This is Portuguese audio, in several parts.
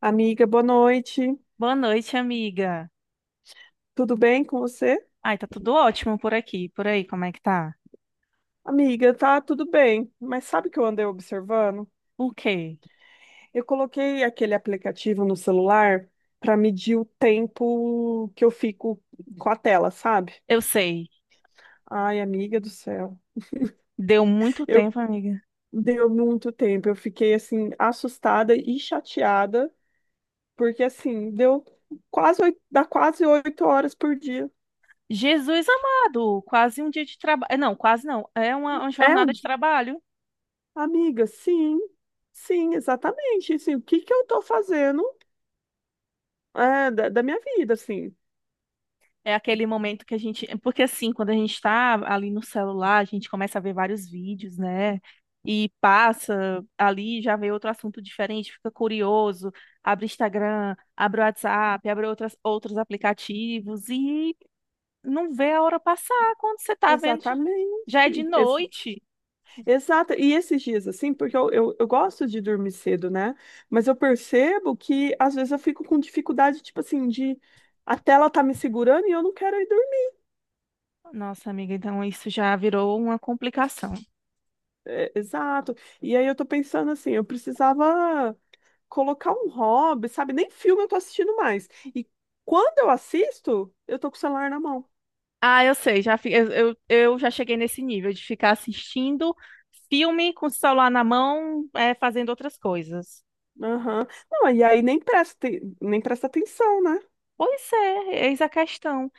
Amiga, boa noite. Boa noite, amiga. Tudo bem com você? Ai, tá tudo ótimo por aqui. Por aí, como é que tá? Amiga, tá tudo bem, mas sabe o que eu andei observando? O quê? Eu coloquei aquele aplicativo no celular para medir o tempo que eu fico com a tela, sabe? Eu sei. Ai, amiga do céu. Deu muito Eu tempo, amiga. deu muito tempo, eu fiquei assim assustada e chateada, porque assim, dá quase 8 horas por dia. Jesus amado, quase um dia de trabalho. Não, quase não. É uma É, jornada de trabalho. amiga, sim. Sim, exatamente. Assim, o que que eu tô fazendo? É, da minha vida, assim. É aquele momento que a gente. Porque assim, quando a gente tá ali no celular, a gente começa a ver vários vídeos, né? E passa ali, já vê outro assunto diferente, fica curioso, abre Instagram, abre WhatsApp, abre outras, outros aplicativos e não vê a hora passar quando você tá vendo. Já é de Exatamente. Ex noite. exato. E esses dias, assim, porque eu gosto de dormir cedo, né? Mas eu percebo que às vezes eu fico com dificuldade, tipo assim, de a tela tá me segurando e eu não quero ir dormir. Nossa, amiga, então isso já virou uma complicação. É, exato. E aí eu tô pensando assim, eu precisava colocar um hobby, sabe? Nem filme eu tô assistindo mais. E quando eu assisto, eu tô com o celular na mão. Ah, eu sei, já, eu já cheguei nesse nível de ficar assistindo filme com o celular na mão, é, fazendo outras coisas. Aham. Não, e aí nem presta atenção, né? Pois é, eis a questão.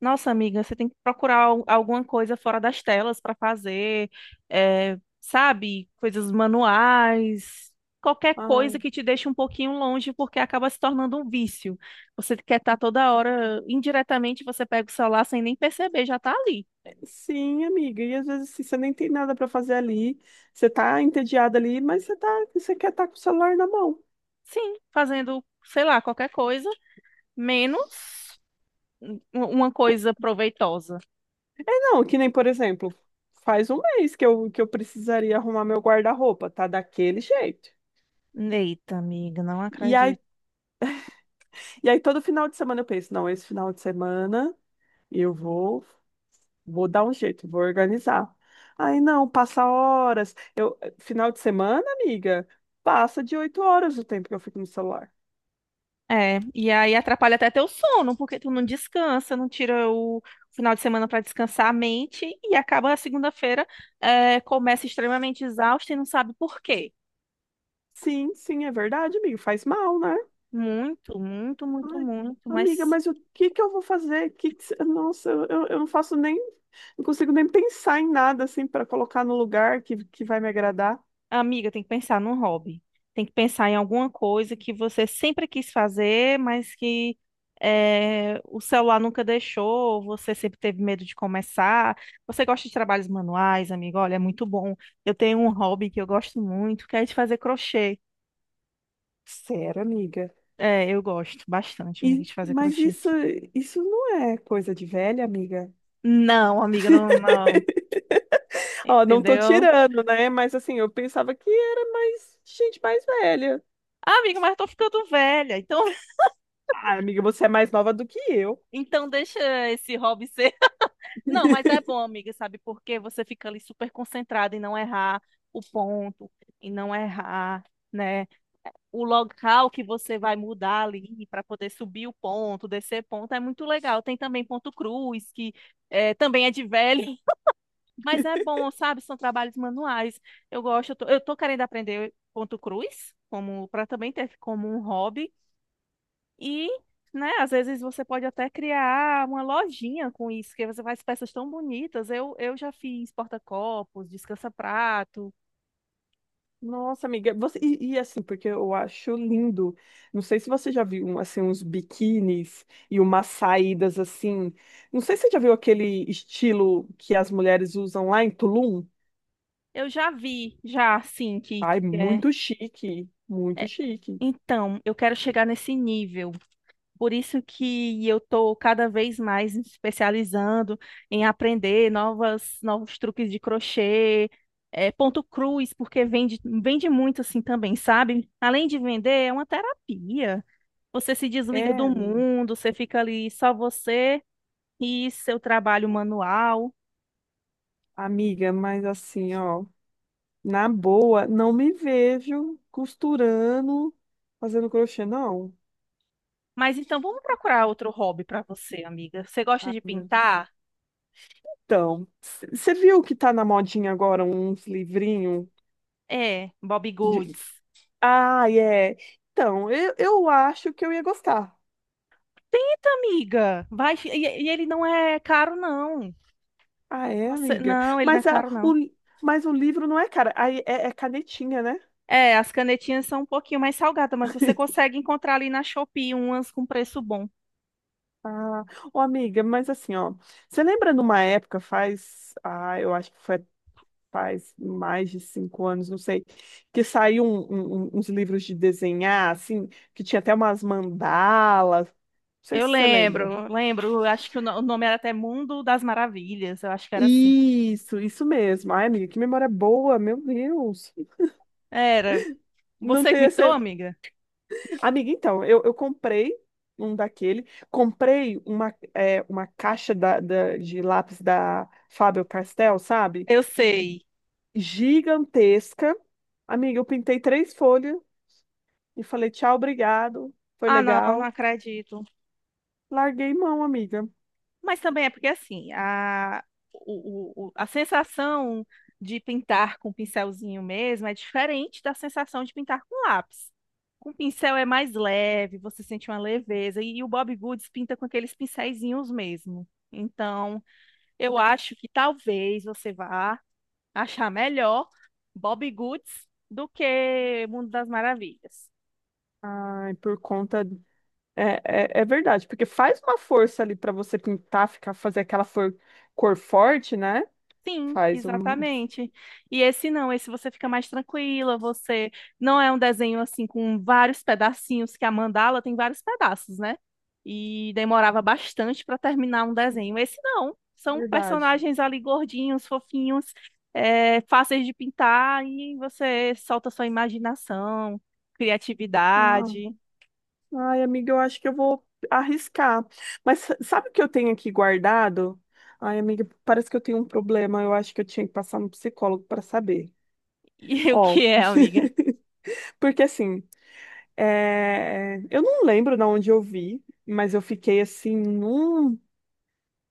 Nossa, amiga, você tem que procurar alguma coisa fora das telas para fazer, é, sabe? Coisas manuais, qualquer coisa Ai. que te deixe um pouquinho longe, porque acaba se tornando um vício. Você quer estar toda hora, indiretamente, você pega o celular sem nem perceber, já tá ali. Sim, amiga. E às vezes assim, você nem tem nada para fazer ali, você tá entediada ali, mas você quer estar com o celular na mão. Sim, fazendo, sei lá, qualquer coisa, menos uma coisa proveitosa. Não, que nem, por exemplo, faz um mês que eu precisaria arrumar meu guarda-roupa, tá daquele jeito. Eita, amiga, não E aí, acredito. e aí todo final de semana eu penso, não, esse final de semana eu vou dar um jeito, vou organizar. Aí não, passa horas. Final de semana, amiga, passa de 8 horas o tempo que eu fico no celular. É, e aí atrapalha até teu sono, porque tu não descansa, não tira o final de semana para descansar a mente e acaba a segunda-feira, é, começa extremamente exausta e não sabe por quê. Sim, sim, é verdade, amiga, faz mal, né? Muito, muito, muito, Ai, muito, amiga, mas mas o que que eu vou fazer? Que Nossa, eu não consigo nem pensar em nada assim para colocar no lugar que vai me agradar. amiga, tem que pensar num hobby. Tem que pensar em alguma coisa que você sempre quis fazer, mas que o celular nunca deixou, você sempre teve medo de começar. Você gosta de trabalhos manuais, amiga? Olha, é muito bom. Eu tenho um hobby que eu gosto muito, que é de fazer crochê. Sério, amiga? É, eu gosto bastante, amiga, E, de fazer mas crochê. isso não é coisa de velha, amiga. Não, amiga, não, não. Ó, não tô Entendeu? tirando, né? Mas assim, eu pensava que era mais gente mais velha. Ah, amiga, mas eu tô ficando velha. Então, Ah, amiga, você é mais nova do que eu. então deixa esse hobby ser. Não, mas é bom, amiga, sabe? Porque você fica ali super concentrada em não errar o ponto, em não errar, né? O local que você vai mudar ali para poder subir o ponto, descer ponto, é muito legal. Tem também ponto cruz, que é, também é de velho, mas é bom, sabe? São trabalhos manuais. Eu gosto, eu tô querendo aprender ponto cruz, como para também ter como um hobby. E, né, às vezes você pode até criar uma lojinha com isso, que você faz peças tão bonitas. Eu já fiz porta-copos, descansa-prato. Nossa, amiga, você e, assim, porque eu acho lindo. Não sei se você já viu um, assim uns biquínis e umas saídas assim. Não sei se você já viu aquele estilo que as mulheres usam lá em Tulum. Eu já vi, já, assim, Ai, que é. muito chique, muito É. chique. Então, eu quero chegar nesse nível. Por isso que eu estou cada vez mais me especializando em aprender novas, novos truques de crochê, é, ponto cruz, porque vende, vende muito assim também, sabe? Além de vender, é uma terapia. Você se desliga do É, mundo, você fica ali só você e seu trabalho manual. amiga, mas assim, ó, na boa, não me vejo costurando, fazendo crochê, não. Mas então vamos procurar outro hobby para você, amiga. Você gosta Ai, de meu Deus. pintar? Então, você viu que tá na modinha agora uns livrinhos? É, Bobbie Goods. Ah, é. Então, eu acho que eu ia gostar. Tenta, amiga. Vai, e ele não é caro, não. Ah, é, Você, amiga? não, ele não é Mas, a, caro, não. o, mas o livro não é cara. Aí é canetinha, né? É, as canetinhas são um pouquinho mais salgadas, mas você consegue encontrar ali na Shopee umas com preço bom. Ah, ô, amiga, mas assim, ó. Você lembra numa época, faz. Ah, eu acho que foi faz mais de 5 anos, não sei. Que saiu uns livros de desenhar, assim, que tinha até umas mandalas. Não sei Eu se você lembra. lembro, lembro. Acho que o no- o nome era até Mundo das Maravilhas. Eu acho que era assim. Isso mesmo. Ai, amiga, que memória boa, meu Deus. Era. Não Você que tem me esse. amiga? Amiga, então, eu um daquele, comprei uma caixa de lápis da Faber-Castell, sabe? Eu sei. Gigantesca. Amiga, eu pintei três folhas e falei tchau, obrigado, foi Ah, não, não legal. acredito. Larguei mão, amiga. Mas também é porque assim, a, o- a sensação de pintar com pincelzinho mesmo é diferente da sensação de pintar com lápis. Com pincel é mais leve, você sente uma leveza. E o Bob Goods pinta com aqueles pincelzinhos mesmo. Então, eu acho que talvez você vá achar melhor Bob Goods do que Mundo das Maravilhas. Ai, por conta. É, é verdade, porque faz uma força ali para você pintar, ficar, fazer aquela cor forte, né? Sim, Faz um. exatamente. E esse não, esse você fica mais tranquila, você não é um desenho assim com vários pedacinhos, que a mandala tem vários pedaços, né? E demorava bastante para terminar um desenho. Esse não, são Verdade. personagens ali gordinhos, fofinhos, é, fáceis de pintar e você solta sua imaginação, Ah. criatividade. Ai, amiga, eu acho que eu vou arriscar. Mas sabe o que eu tenho aqui guardado? Ai, amiga, parece que eu tenho um problema. Eu acho que eu tinha que passar no psicólogo para saber. E o Ó, que é, amiga? porque assim, eu não lembro de onde eu vi, mas eu fiquei assim num,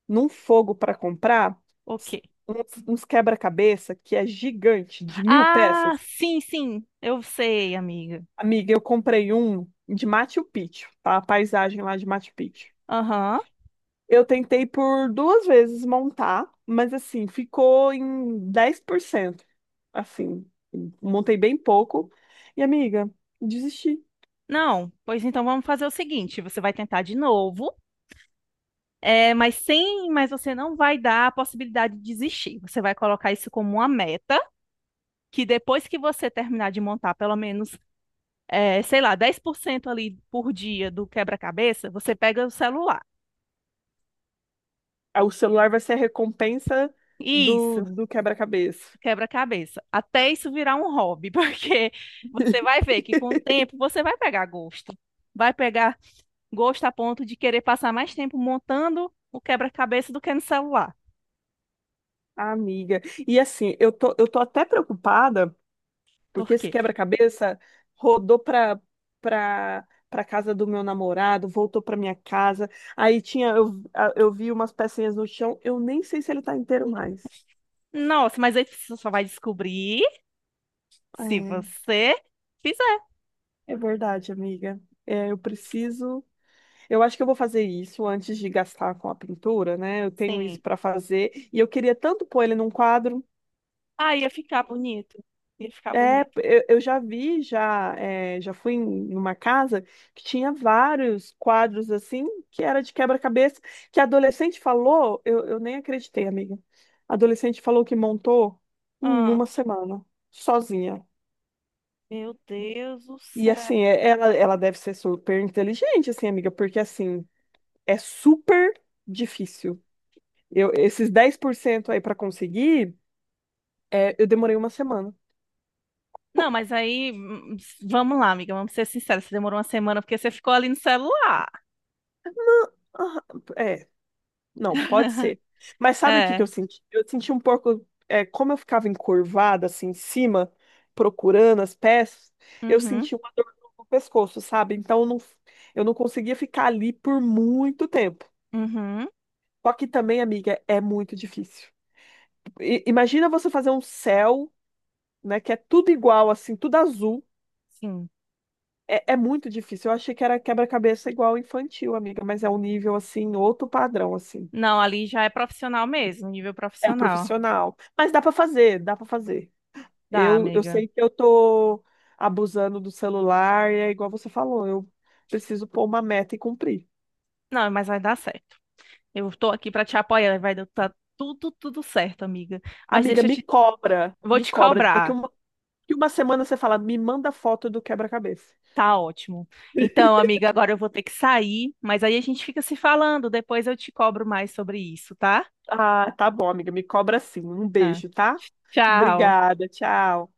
num fogo para comprar O s- quê? uns quebra-cabeça que é gigante, de mil Ah, peças. sim, sim, eu sei, amiga. Amiga, eu comprei um de Machu Picchu, tá? A paisagem lá de Machu Picchu. Aham. Eu tentei por duas vezes montar, mas assim, ficou em 10%. Assim, montei bem pouco. E amiga, desisti. Não, pois então vamos fazer o seguinte: você vai tentar de novo, é, mas sem, mas você não vai dar a possibilidade de desistir. Você vai colocar isso como uma meta, que depois que você terminar de montar pelo menos, é, sei lá, 10% ali por dia do quebra-cabeça, você pega o celular. Ah, o celular vai ser a recompensa do, Isso, do quebra-cabeça. quebra-cabeça. Até isso virar um hobby, porque você vai ver que com o tempo você vai pegar gosto. Vai pegar gosto a ponto de querer passar mais tempo montando o quebra-cabeça do que no celular. Amiga. E assim, eu tô até preocupada, Por porque esse quê? quebra-cabeça rodou pra casa do meu namorado, voltou pra minha casa. Aí tinha, eu vi umas pecinhas no chão, eu nem sei se ele tá inteiro mais. Nossa, mas aí você só vai descobrir se É, você fizer. é verdade, amiga. É, eu preciso. Eu acho que eu vou fazer isso antes de gastar com a pintura, né? Eu tenho isso Sim. para fazer e eu queria tanto pôr ele num quadro. Ah, ia ficar bonito. Ia ficar É, bonito. eu já vi, já, é, já fui em numa casa que tinha vários quadros assim, que era de quebra-cabeça, que a adolescente falou, eu nem acreditei, amiga. A adolescente falou que montou em Ah, uma semana, sozinha. meu Deus do E céu. assim, ela deve ser super inteligente, assim, amiga, porque assim, é super difícil. Esses 10% aí para conseguir, eu demorei uma semana. Não, mas aí, vamos lá, amiga, vamos ser sinceros. Você demorou uma semana porque você ficou ali no celular. Aham, é, não, pode ser. Mas sabe o que que eu É. senti? Eu senti um pouco, como eu ficava encurvada assim em cima, procurando as peças, eu Uhum, senti uma dor no pescoço, sabe? Então eu não conseguia ficar ali por muito tempo. uhum, Só que também, amiga, é muito difícil. Imagina você fazer um céu, né, que é tudo igual, assim, tudo azul. sim. É muito difícil. Eu achei que era quebra-cabeça igual infantil, amiga, mas é um nível assim, outro padrão assim. Não, ali já é profissional mesmo, nível É profissional. profissional, mas dá para fazer, dá para fazer. Dá, Eu amiga. sei que eu tô abusando do celular e é igual você falou, eu preciso pôr uma meta e cumprir. Não, mas vai dar certo. Eu tô aqui pra te apoiar, vai dar tá tudo, tudo certo, amiga. Mas Amiga, deixa eu me te, cobra, vou me te cobra. Daqui cobrar. uma, daqui uma semana você fala, me manda foto do quebra-cabeça. Tá ótimo. Então, amiga, agora eu vou ter que sair, mas aí a gente fica se falando. Depois eu te cobro mais sobre isso, tá? Ah, tá bom, amiga, me cobra sim. Um Ah, beijo, tá? tchau. Obrigada, tchau.